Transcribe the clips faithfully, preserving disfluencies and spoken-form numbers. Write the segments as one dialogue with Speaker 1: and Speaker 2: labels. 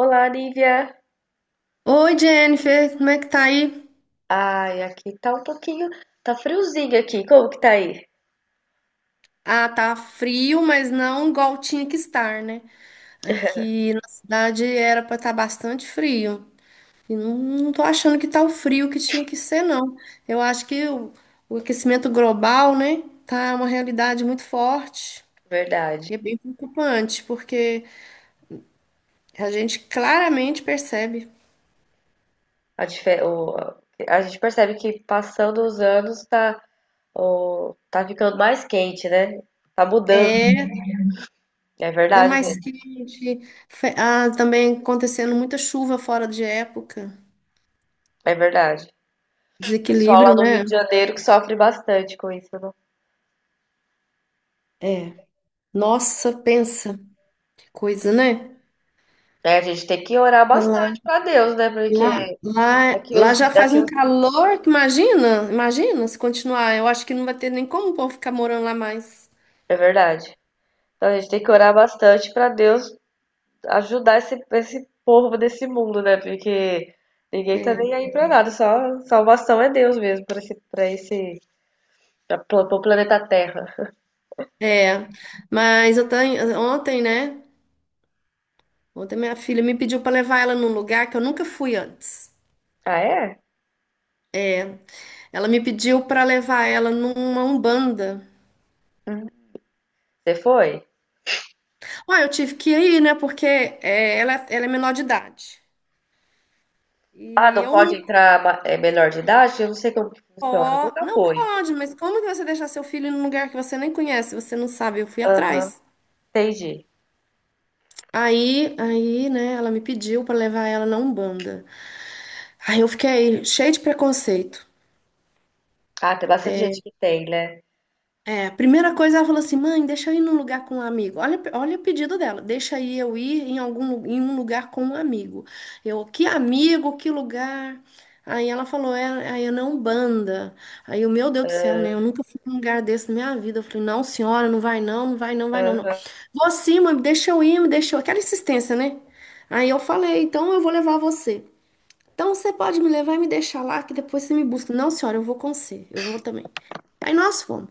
Speaker 1: Olá, Nívia.
Speaker 2: Oi, Jennifer, como é que tá aí?
Speaker 1: Ai, aqui tá um pouquinho, tá friozinho aqui. Como que tá aí?
Speaker 2: Ah, tá frio, mas não igual tinha que estar, né? Aqui na cidade era pra estar bastante frio. E não, não tô achando que tá o frio que tinha que ser, não. Eu acho que o, o aquecimento global, né, tá uma realidade muito forte.
Speaker 1: Verdade.
Speaker 2: E é bem preocupante, porque a gente claramente percebe.
Speaker 1: A, dife- o- a gente percebe que passando os anos tá, o- tá ficando mais quente, né? Tá mudando.
Speaker 2: É,
Speaker 1: É
Speaker 2: tá
Speaker 1: verdade
Speaker 2: mais
Speaker 1: mesmo.
Speaker 2: quente. fe- Ah, também acontecendo muita chuva fora de época.
Speaker 1: É verdade. Pessoal lá
Speaker 2: Desequilíbrio,
Speaker 1: do Rio
Speaker 2: né?
Speaker 1: de Janeiro que sofre bastante com isso, né?
Speaker 2: É. Nossa, pensa, que coisa, né?
Speaker 1: É, a gente tem que orar
Speaker 2: Tá Lá,
Speaker 1: bastante pra Deus, né? Porque
Speaker 2: lá, lá,
Speaker 1: daqui
Speaker 2: lá
Speaker 1: os, di-
Speaker 2: já faz
Speaker 1: daqui
Speaker 2: um
Speaker 1: os...
Speaker 2: calor que imagina, imagina se continuar. Eu acho que não vai ter nem como o povo ficar morando lá mais.
Speaker 1: É verdade. Então a gente tem que orar bastante pra Deus ajudar esse, esse povo desse mundo, né? Porque ninguém tá
Speaker 2: É,
Speaker 1: nem aí pra nada, só salvação é Deus mesmo pra esse, pra esse, pra, pla- pro planeta Terra.
Speaker 2: é. Mas eu tenho, ontem, né? Ontem minha filha me pediu para levar ela num lugar que eu nunca fui antes.
Speaker 1: Ah, é?
Speaker 2: Ela me pediu para levar ela numa Umbanda.
Speaker 1: Você foi?
Speaker 2: Ah, eu tive que ir, né? Porque é, ela, é, ela é menor de idade.
Speaker 1: Ah,
Speaker 2: E
Speaker 1: não
Speaker 2: eu
Speaker 1: pode
Speaker 2: não.
Speaker 1: entrar ma- é, menor de idade? Eu não sei como que funciona,
Speaker 2: Ó,
Speaker 1: nunca
Speaker 2: não
Speaker 1: foi.
Speaker 2: pode, mas como que você deixar seu filho num lugar que você nem conhece? Você não sabe, eu fui
Speaker 1: Aham,
Speaker 2: atrás.
Speaker 1: entendi.
Speaker 2: Aí, aí, né, ela me pediu pra levar ela na Umbanda. Aí eu fiquei cheia de preconceito.
Speaker 1: Ah, tem bastante gente que tem, né?
Speaker 2: É, a primeira coisa ela falou assim, mãe, deixa eu ir num lugar com um amigo. Olha, olha o pedido dela, deixa aí eu ir em algum lu- em um lugar com um amigo. Eu, que amigo, que lugar? Aí ela falou, é, aí eu não banda. Aí eu, meu Deus do céu, né? Eu
Speaker 1: Ah.
Speaker 2: nunca fui num lugar desse na minha vida. Eu falei, não, senhora, não vai não, não vai não, vai não, não. Vou sim, mãe, deixa eu ir, me deixou. Aquela insistência, né? Aí eu falei, então eu vou levar você. Então você pode me levar e me deixar lá, que depois você me busca. Não, senhora, eu vou com você, eu vou também. Aí nós fomos.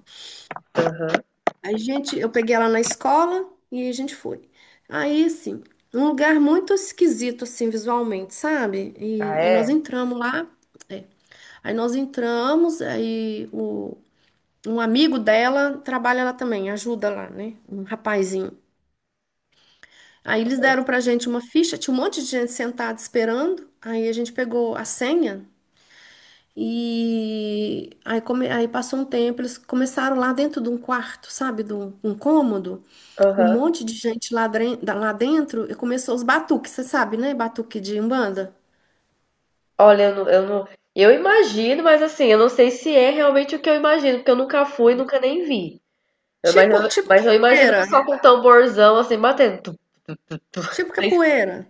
Speaker 1: Aham.
Speaker 2: A gente, eu peguei ela na escola e a gente foi. Aí, assim, um lugar muito esquisito, assim, visualmente, sabe?
Speaker 1: Ah,
Speaker 2: E aí nós
Speaker 1: é?
Speaker 2: entramos lá. É. Aí nós entramos, aí o, um amigo dela trabalha lá também, ajuda lá, né? Um rapazinho. Aí eles deram pra gente uma ficha, tinha um monte de gente sentada esperando. Aí a gente pegou a senha e aí, come, aí passou um tempo, eles começaram lá dentro de um quarto, sabe? De um um cômodo. Um
Speaker 1: Aham.
Speaker 2: monte de gente lá, dren- da- lá dentro e começou os batuques, você sabe, né? Batuque de Umbanda.
Speaker 1: Olha, eu não, eu não. Eu imagino, mas assim, eu não sei se é realmente o que eu imagino, porque eu nunca fui, nunca nem vi. Eu- Mas
Speaker 2: Tipo,
Speaker 1: eu,
Speaker 2: tipo
Speaker 1: mas eu imagino o
Speaker 2: capoeira.
Speaker 1: pessoal com tamborzão assim batendo. Tu, tu, tu, tu.
Speaker 2: Tipo capoeira.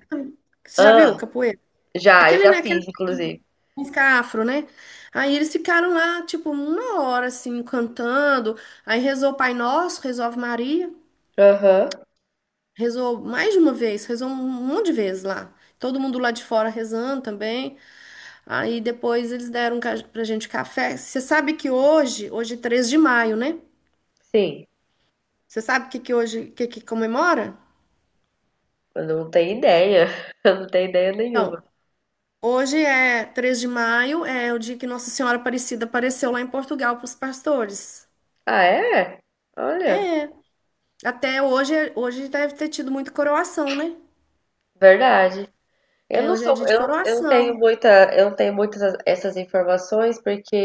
Speaker 2: Você já
Speaker 1: Ah,
Speaker 2: viu capoeira?
Speaker 1: já, eu
Speaker 2: Aquele,
Speaker 1: já
Speaker 2: né? Aquele
Speaker 1: fiz,
Speaker 2: tipo de
Speaker 1: inclusive.
Speaker 2: música afro, né? Aí eles ficaram lá, tipo, uma hora, assim, cantando. Aí rezou o Pai Nosso, rezou a Ave Maria.
Speaker 1: Aham,
Speaker 2: Rezou mais de uma vez, rezou um monte de vezes lá. Todo mundo lá de fora rezando também. Aí depois eles deram ca- pra gente café. Você sabe que hoje, hoje é três de maio, né?
Speaker 1: sim.
Speaker 2: Você sabe o que que hoje, o que que comemora?
Speaker 1: Eu não tenho ideia. Eu não tenho ideia nenhuma.
Speaker 2: Então, hoje é três de maio, é o dia que Nossa Senhora Aparecida apareceu lá em Portugal para os pastores.
Speaker 1: Ah, é? Olha,
Speaker 2: É, até hoje, hoje deve ter tido muito coroação, né?
Speaker 1: verdade. Eu
Speaker 2: É,
Speaker 1: não
Speaker 2: hoje é
Speaker 1: sou,
Speaker 2: dia de
Speaker 1: eu, eu não tenho
Speaker 2: coroação.
Speaker 1: muita, eu não tenho muitas essas informações porque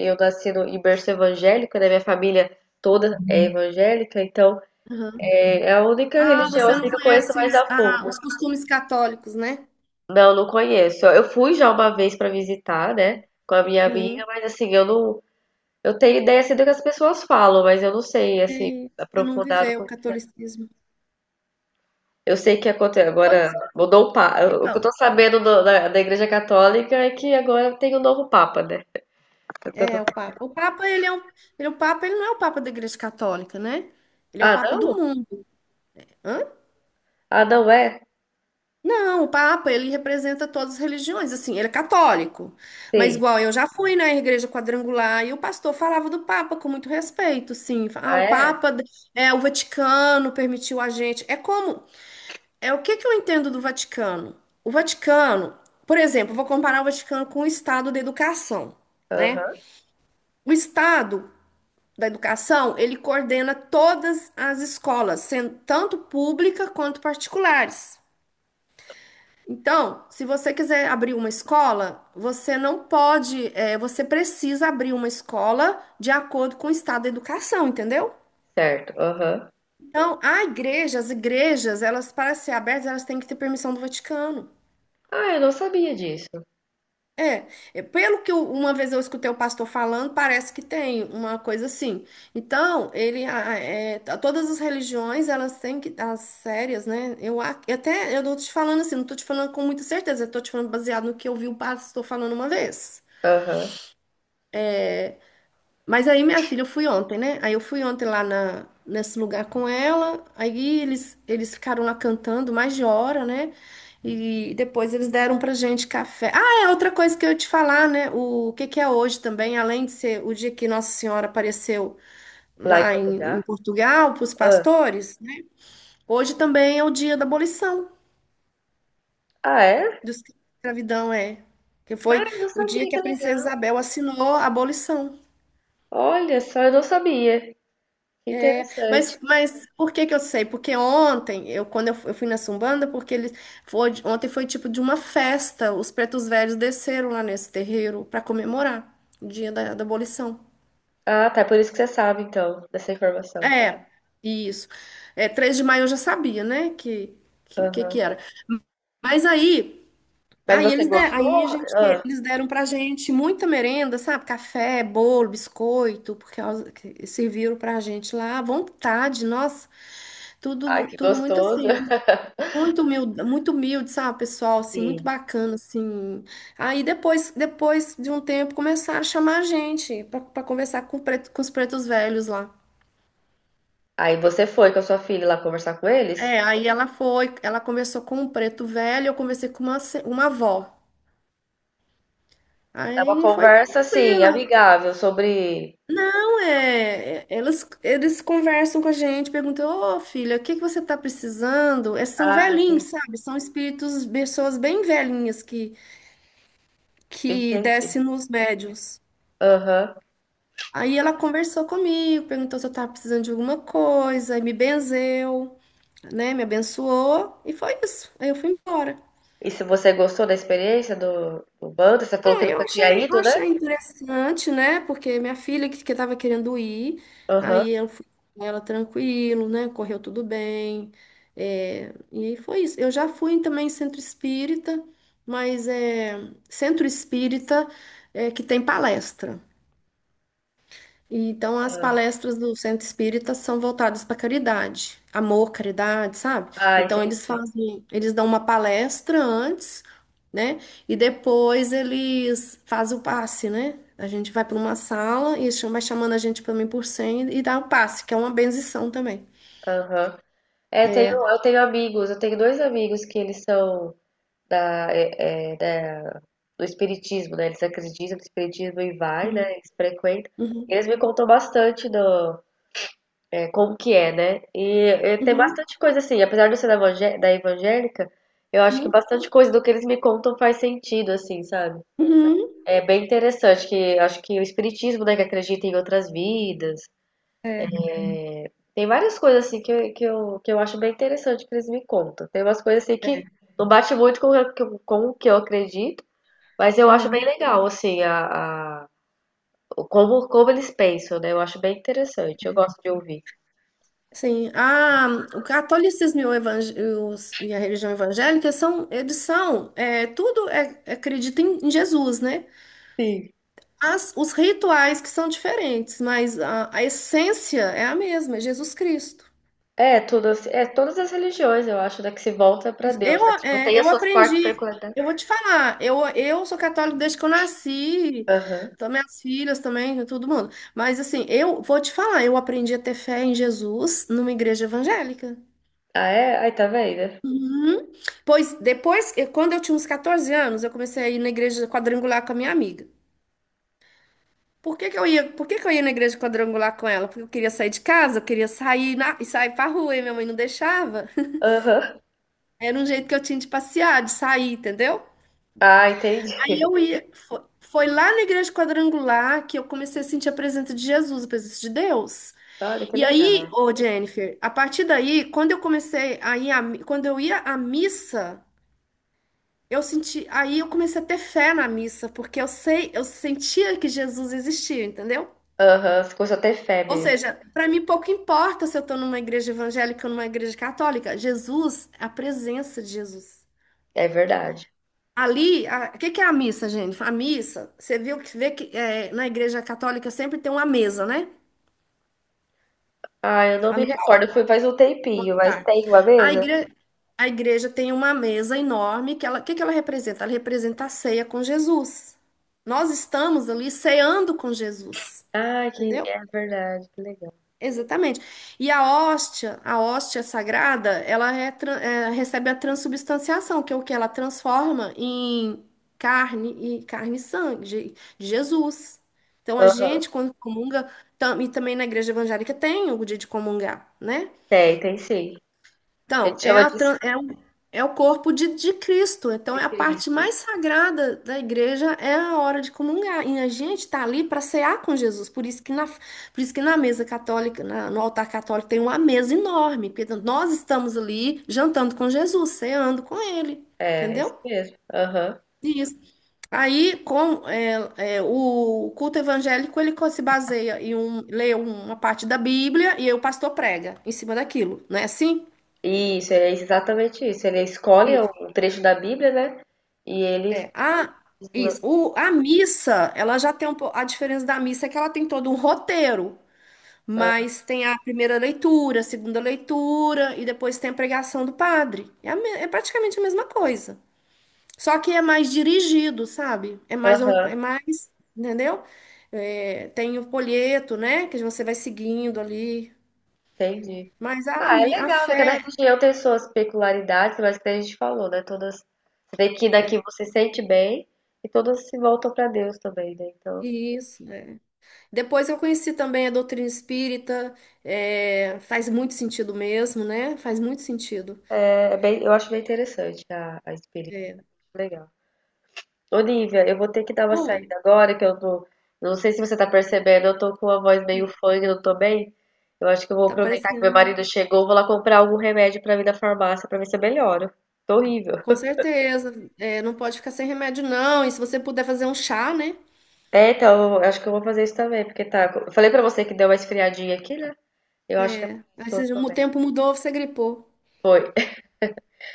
Speaker 1: eu nasci no em berço evangélico, né? Minha família toda é evangélica, então é
Speaker 2: Aham.
Speaker 1: é a única
Speaker 2: Ah,
Speaker 1: religião
Speaker 2: você
Speaker 1: assim
Speaker 2: não
Speaker 1: que eu conheço
Speaker 2: conhece
Speaker 1: mais
Speaker 2: os,
Speaker 1: a
Speaker 2: ah,
Speaker 1: fundo.
Speaker 2: os costumes católicos, né?
Speaker 1: Não, não conheço. Eu fui já uma vez para visitar, né, com a minha amiga,
Speaker 2: Uhum.
Speaker 1: mas assim, eu não, eu tenho ideia assim do que as pessoas falam, mas eu não sei assim
Speaker 2: E você não
Speaker 1: aprofundado.
Speaker 2: viveu
Speaker 1: com-
Speaker 2: o catolicismo.
Speaker 1: Eu sei que aconteceu agora
Speaker 2: Pois
Speaker 1: mudou o papa.
Speaker 2: é.
Speaker 1: O que eu
Speaker 2: Então,
Speaker 1: tô sabendo do- da, da Igreja Católica é que agora tem um novo papa, né? É o que eu tô-
Speaker 2: é o Papa. O Papa, ele é um, ele, é o Papa, ele não é o Papa da Igreja Católica, né? Ele é o
Speaker 1: Ah,
Speaker 2: Papa do
Speaker 1: não?
Speaker 2: mundo.
Speaker 1: Ah, não é?
Speaker 2: Não, o Papa, ele representa todas as religiões, assim, ele é católico. Mas
Speaker 1: Sim.
Speaker 2: igual eu já fui na igreja quadrangular e o pastor falava do Papa com muito respeito, sim. Ah,
Speaker 1: Ah,
Speaker 2: o
Speaker 1: é?
Speaker 2: Papa é o Vaticano permitiu a gente. É como, é o que que eu entendo do Vaticano? O Vaticano, por exemplo, eu vou comparar o Vaticano com o Estado da educação, né?
Speaker 1: Aham.
Speaker 2: O Estado da educação, ele coordena todas as escolas, sendo tanto pública quanto particulares. Então, se você quiser abrir uma escola, você não pode, é, você precisa abrir uma escola de acordo com o estado da educação, entendeu?
Speaker 1: Certo. Aham.
Speaker 2: Então, a igreja, as igrejas, elas, para ser abertas, elas têm que ter permissão do Vaticano.
Speaker 1: Ah, eu não sabia disso.
Speaker 2: É, é, pelo que eu- uma vez eu escutei o pastor falando, parece que tem uma coisa assim. Então, ele, a- a- é, t- todas as religiões, elas têm que, as sérias, né? Eu a- eu até, eu tô te falando assim, não tô te falando com muita certeza, eu tô te falando baseado no que eu vi o pastor falando uma vez.
Speaker 1: Aham.
Speaker 2: Mas aí, minha filha, eu fui ontem, né? Aí eu fui ontem lá na, nesse lugar com ela. Aí eles, eles ficaram lá cantando mais de hora, né? E depois eles deram pra gente café. Ah, é outra coisa que eu ia te falar, né? O que que é hoje também, além de ser o dia que Nossa Senhora apareceu
Speaker 1: Lá em
Speaker 2: lá em, em
Speaker 1: Portugal.
Speaker 2: Portugal para os
Speaker 1: Ah.
Speaker 2: pastores, né? Hoje também é o dia da abolição
Speaker 1: Ah, é?
Speaker 2: da escravidão, é. Que
Speaker 1: Ah,
Speaker 2: foi
Speaker 1: eu não
Speaker 2: o dia
Speaker 1: sabia,
Speaker 2: que
Speaker 1: que
Speaker 2: a princesa
Speaker 1: legal.
Speaker 2: Isabel assinou a abolição.
Speaker 1: Olha só, eu não sabia. Que
Speaker 2: É,
Speaker 1: interessante.
Speaker 2: mas, mas por que que eu sei? Porque ontem, eu, quando eu, fu- eu fui na Sumbanda, porque eles foi, ontem foi tipo de uma festa, os pretos velhos desceram lá nesse terreiro para comemorar o dia da, da abolição.
Speaker 1: Ah, tá. É por isso que você sabe, então, dessa informação.
Speaker 2: É, isso. É, três de maio eu já sabia, né, que que, que,
Speaker 1: Aham.
Speaker 2: que era. Mas aí,
Speaker 1: Mas
Speaker 2: aí
Speaker 1: você
Speaker 2: eles de, aí
Speaker 1: gostou?
Speaker 2: a gente te-
Speaker 1: Ah,
Speaker 2: eles deram pra gente muita merenda, sabe? Café, bolo, biscoito, porque elas- que serviram pra gente lá à vontade, nossa. Tudo,
Speaker 1: ai,
Speaker 2: bu-
Speaker 1: que
Speaker 2: tudo muito
Speaker 1: gostoso.
Speaker 2: assim. Né? Muito humilde, muito humilde, sabe, pessoal, assim, muito
Speaker 1: Sim.
Speaker 2: bacana, assim. Aí depois, depois de um tempo, começaram a chamar a gente para conversar com, o preto- com os pretos velhos lá.
Speaker 1: Aí você foi com a sua filha lá conversar com eles?
Speaker 2: É, aí ela foi, ela conversou com um preto velho, eu conversei com uma, se- uma avó.
Speaker 1: É uma
Speaker 2: Aí foi
Speaker 1: conversa, assim,
Speaker 2: tranquila.
Speaker 1: amigável sobre.
Speaker 2: Não, é, é- elas, eles conversam com a gente, perguntam, ô filha, o que que você tá precisando? É, são
Speaker 1: Ah,
Speaker 2: velhinhos,
Speaker 1: entendi.
Speaker 2: sabe? São espíritos, pessoas bem velhinhas que, que
Speaker 1: Entendi.
Speaker 2: descem nos médiuns.
Speaker 1: Aham.
Speaker 2: Aí ela conversou comigo, perguntou se eu tava precisando de alguma coisa, e me benzeu, né? Me abençoou e foi isso. Aí eu fui embora.
Speaker 1: E se você gostou da experiência do, do bando, você falou que
Speaker 2: Ah, eu
Speaker 1: nunca tinha
Speaker 2: achei, eu
Speaker 1: ido, né?
Speaker 2: achei interessante, né? Porque minha filha que, que tava querendo ir,
Speaker 1: Aham.
Speaker 2: aí eu fui com ela tranquilo, né? Correu tudo bem. É, e aí foi isso. Eu já fui também em centro espírita, mas é centro espírita é, que tem palestra. E, então, as palestras do Centro Espírita são voltadas para caridade, amor, caridade, sabe?
Speaker 1: Ah,
Speaker 2: Então, eles
Speaker 1: entendi.
Speaker 2: fazem, eles dão uma palestra antes, né? E depois eles fazem o passe, né? A gente vai para uma sala e eles cham- vai chamando a gente para mim por mim e dá o passe, que é uma benção também.
Speaker 1: Aham. É, tenho,
Speaker 2: É.
Speaker 1: eu tenho amigos, eu tenho dois amigos que eles são da, é, é, da do espiritismo, né? Eles acreditam no espiritismo e vai, né?
Speaker 2: Uhum,
Speaker 1: Eles frequentam.
Speaker 2: uhum,
Speaker 1: Eles me contam bastante do, é, como que é, né? E, e tem
Speaker 2: uhum,
Speaker 1: bastante coisa assim, apesar de eu ser da, evangé- da evangélica, eu acho que
Speaker 2: uhum,
Speaker 1: bastante coisa do que eles me contam faz sentido, assim, sabe?
Speaker 2: uhum.
Speaker 1: É bem interessante que acho que o espiritismo, né, que acredita em outras vidas.
Speaker 2: É,
Speaker 1: Tem várias coisas assim que, eu- que eu, que eu acho bem interessante que eles me contam. Tem umas coisas assim que
Speaker 2: é.
Speaker 1: não bate muito com, o que eu- com o que eu acredito, mas eu acho bem
Speaker 2: Uhum.
Speaker 1: legal, assim, a, a- como, como eles pensam, né? Eu acho bem interessante, eu gosto de ouvir.
Speaker 2: Sim, a, o catolicismo e, o evang- e os- e a religião evangélica são, eles são, é, tudo é, acredita em, em Jesus, né?
Speaker 1: Sim.
Speaker 2: As, os rituais que são diferentes, mas a, a essência é a mesma, é Jesus Cristo.
Speaker 1: É, tudo, assim- é todas as religiões, eu acho, né, que se volta pra Deus,
Speaker 2: Eu,
Speaker 1: né? Tipo,
Speaker 2: é,
Speaker 1: tem as
Speaker 2: eu
Speaker 1: suas partes
Speaker 2: aprendi,
Speaker 1: peculiares.
Speaker 2: eu vou te falar, eu, eu sou católica desde que eu nasci,
Speaker 1: Aham.
Speaker 2: então minhas filhas também, todo mundo. Mas assim, eu vou te falar, eu aprendi a ter fé em Jesus numa igreja evangélica.
Speaker 1: Ah, é? Ai, tá vendo?
Speaker 2: Uhum. Pois depois, eu- quando eu tinha uns quatorze anos, eu comecei a ir na igreja quadrangular com a minha amiga. Por que que eu ia, por que que eu ia na igreja quadrangular com ela? Porque eu queria sair de casa, eu queria sair na, e sair pra rua, e minha mãe não deixava.
Speaker 1: Aham.
Speaker 2: Era um jeito que eu tinha de passear, de sair, entendeu?
Speaker 1: Ah, entendi.
Speaker 2: Aí eu ia, foi, foi lá na igreja quadrangular que eu comecei a sentir a presença de Jesus, a presença de Deus.
Speaker 1: Olha que
Speaker 2: E aí,
Speaker 1: legal.
Speaker 2: ô Jennifer, a partir daí, quando eu comecei a ir, à mi- quando eu ia à missa, eu senti, aí eu comecei a ter fé na missa, porque eu sei, eu sentia que Jesus existia, entendeu?
Speaker 1: Aham, você começou a ter fé
Speaker 2: Ou
Speaker 1: mesmo.
Speaker 2: seja, para mim pouco importa se eu estou numa igreja evangélica ou numa igreja católica, Jesus, a presença de Jesus.
Speaker 1: É verdade.
Speaker 2: Ali, a- o que que é a missa, gente? A missa, você viu que vê que é, na igreja católica sempre tem uma mesa, né?
Speaker 1: Ah, eu não
Speaker 2: Lá
Speaker 1: me
Speaker 2: no.
Speaker 1: recordo, foi faz um tempinho, mas
Speaker 2: Tá.
Speaker 1: tem uma
Speaker 2: A
Speaker 1: mesa?
Speaker 2: igre- a igreja tem uma mesa enorme que ela, o que que ela representa? Ela representa a ceia com Jesus. Nós estamos ali ceando com Jesus.
Speaker 1: Ah, que
Speaker 2: Entendeu?
Speaker 1: é verdade.
Speaker 2: Exatamente. E a hóstia, a hóstia sagrada, ela é tra- é, recebe a transubstanciação, que é o que ela transforma em carne e carne e sangue de de Jesus. Então a
Speaker 1: Aham.
Speaker 2: gente, quando comunga, tam- e também na igreja evangélica tem o dia de comungar, né?
Speaker 1: Tem, tem sim. A
Speaker 2: Então,
Speaker 1: gente
Speaker 2: é,
Speaker 1: chama
Speaker 2: a,
Speaker 1: de
Speaker 2: tran- é, o, é o corpo de, de Cristo. Então,
Speaker 1: de
Speaker 2: é a parte
Speaker 1: Cristo.
Speaker 2: mais
Speaker 1: Isso.
Speaker 2: sagrada da igreja, é a hora de comungar. E a gente está ali para cear com Jesus. Por isso que na, por isso que na mesa católica, na- no altar católico, tem uma mesa enorme. Porque nós estamos ali jantando com Jesus, ceando com ele.
Speaker 1: É, isso
Speaker 2: Entendeu?
Speaker 1: mesmo. Aham.
Speaker 2: Isso. Aí, com é, é, o culto evangélico, ele co- se baseia em um, ler uma parte da Bíblia e aí o pastor prega em cima daquilo, não é assim?
Speaker 1: Isso, é exatamente isso. Ele escolhe um trecho da Bíblia, né? E ele.
Speaker 2: É, a, isso. O- a missa, ela já tem um pouco. A diferença da missa é que ela tem todo um roteiro,
Speaker 1: Ah.
Speaker 2: mas tem a primeira leitura, a segunda leitura, e depois tem a pregação do padre. É, a me- é praticamente a mesma coisa. Só que é mais dirigido, sabe? É mais, or-
Speaker 1: Aham,
Speaker 2: é mais, entendeu? É, tem o folheto, né? Que você vai seguindo ali.
Speaker 1: entendi.
Speaker 2: Mas a,
Speaker 1: Ah, é
Speaker 2: mi- a
Speaker 1: legal, né?
Speaker 2: fé.
Speaker 1: Cada religião tem suas peculiaridades, mas que a gente falou, né? Todas. Você vê que daqui
Speaker 2: É,
Speaker 1: você sente bem e todas se voltam para Deus também, né? Então,
Speaker 2: isso. Depois eu conheci também a doutrina espírita, é, faz muito sentido mesmo, né? Faz muito sentido.
Speaker 1: é é bem, eu acho bem interessante a, a espírita.
Speaker 2: É,
Speaker 1: Legal. Olivia, eu vou ter que dar uma
Speaker 2: foi,
Speaker 1: saída agora, que eu tô. Não sei se você tá percebendo, eu tô com a voz meio funk, não tô bem. Eu acho que eu vou
Speaker 2: tá
Speaker 1: aproveitar que meu
Speaker 2: parecendo, né?
Speaker 1: marido chegou, vou lá comprar algum remédio pra mim na farmácia pra ver se eu melhoro. Tô horrível.
Speaker 2: Com certeza, é, não pode ficar sem remédio, não. E se você puder fazer um chá, né?
Speaker 1: É, então, eu acho que eu vou fazer isso também, porque tá. Eu falei pra você que deu uma esfriadinha aqui, né? Eu acho que é por isso
Speaker 2: Aí
Speaker 1: que eu não
Speaker 2: se
Speaker 1: tô
Speaker 2: o
Speaker 1: bem.
Speaker 2: tempo mudou, você gripou.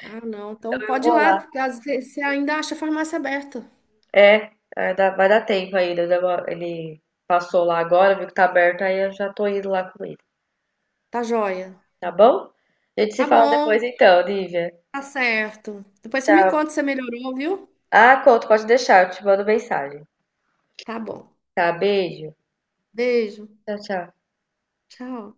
Speaker 2: Ah, não, então
Speaker 1: Então eu
Speaker 2: pode ir
Speaker 1: vou
Speaker 2: lá,
Speaker 1: lá.
Speaker 2: porque às vezes você ainda acha a farmácia aberta.
Speaker 1: É, é, dá- vai dar tempo ainda. deu uma- Ele passou lá agora, viu que tá aberto, aí eu já tô indo lá com ele.
Speaker 2: Tá joia.
Speaker 1: Tá bom? A gente se
Speaker 2: Tá
Speaker 1: fala depois
Speaker 2: bom,
Speaker 1: então, Lívia.
Speaker 2: tá certo. Depois você me
Speaker 1: Tchau.
Speaker 2: conta se você melhorou, viu?
Speaker 1: Ah, Couto, pode deixar, eu te mando mensagem.
Speaker 2: Tá bom.
Speaker 1: Tá, beijo.
Speaker 2: Beijo,
Speaker 1: Tchau, tchau.
Speaker 2: tchau.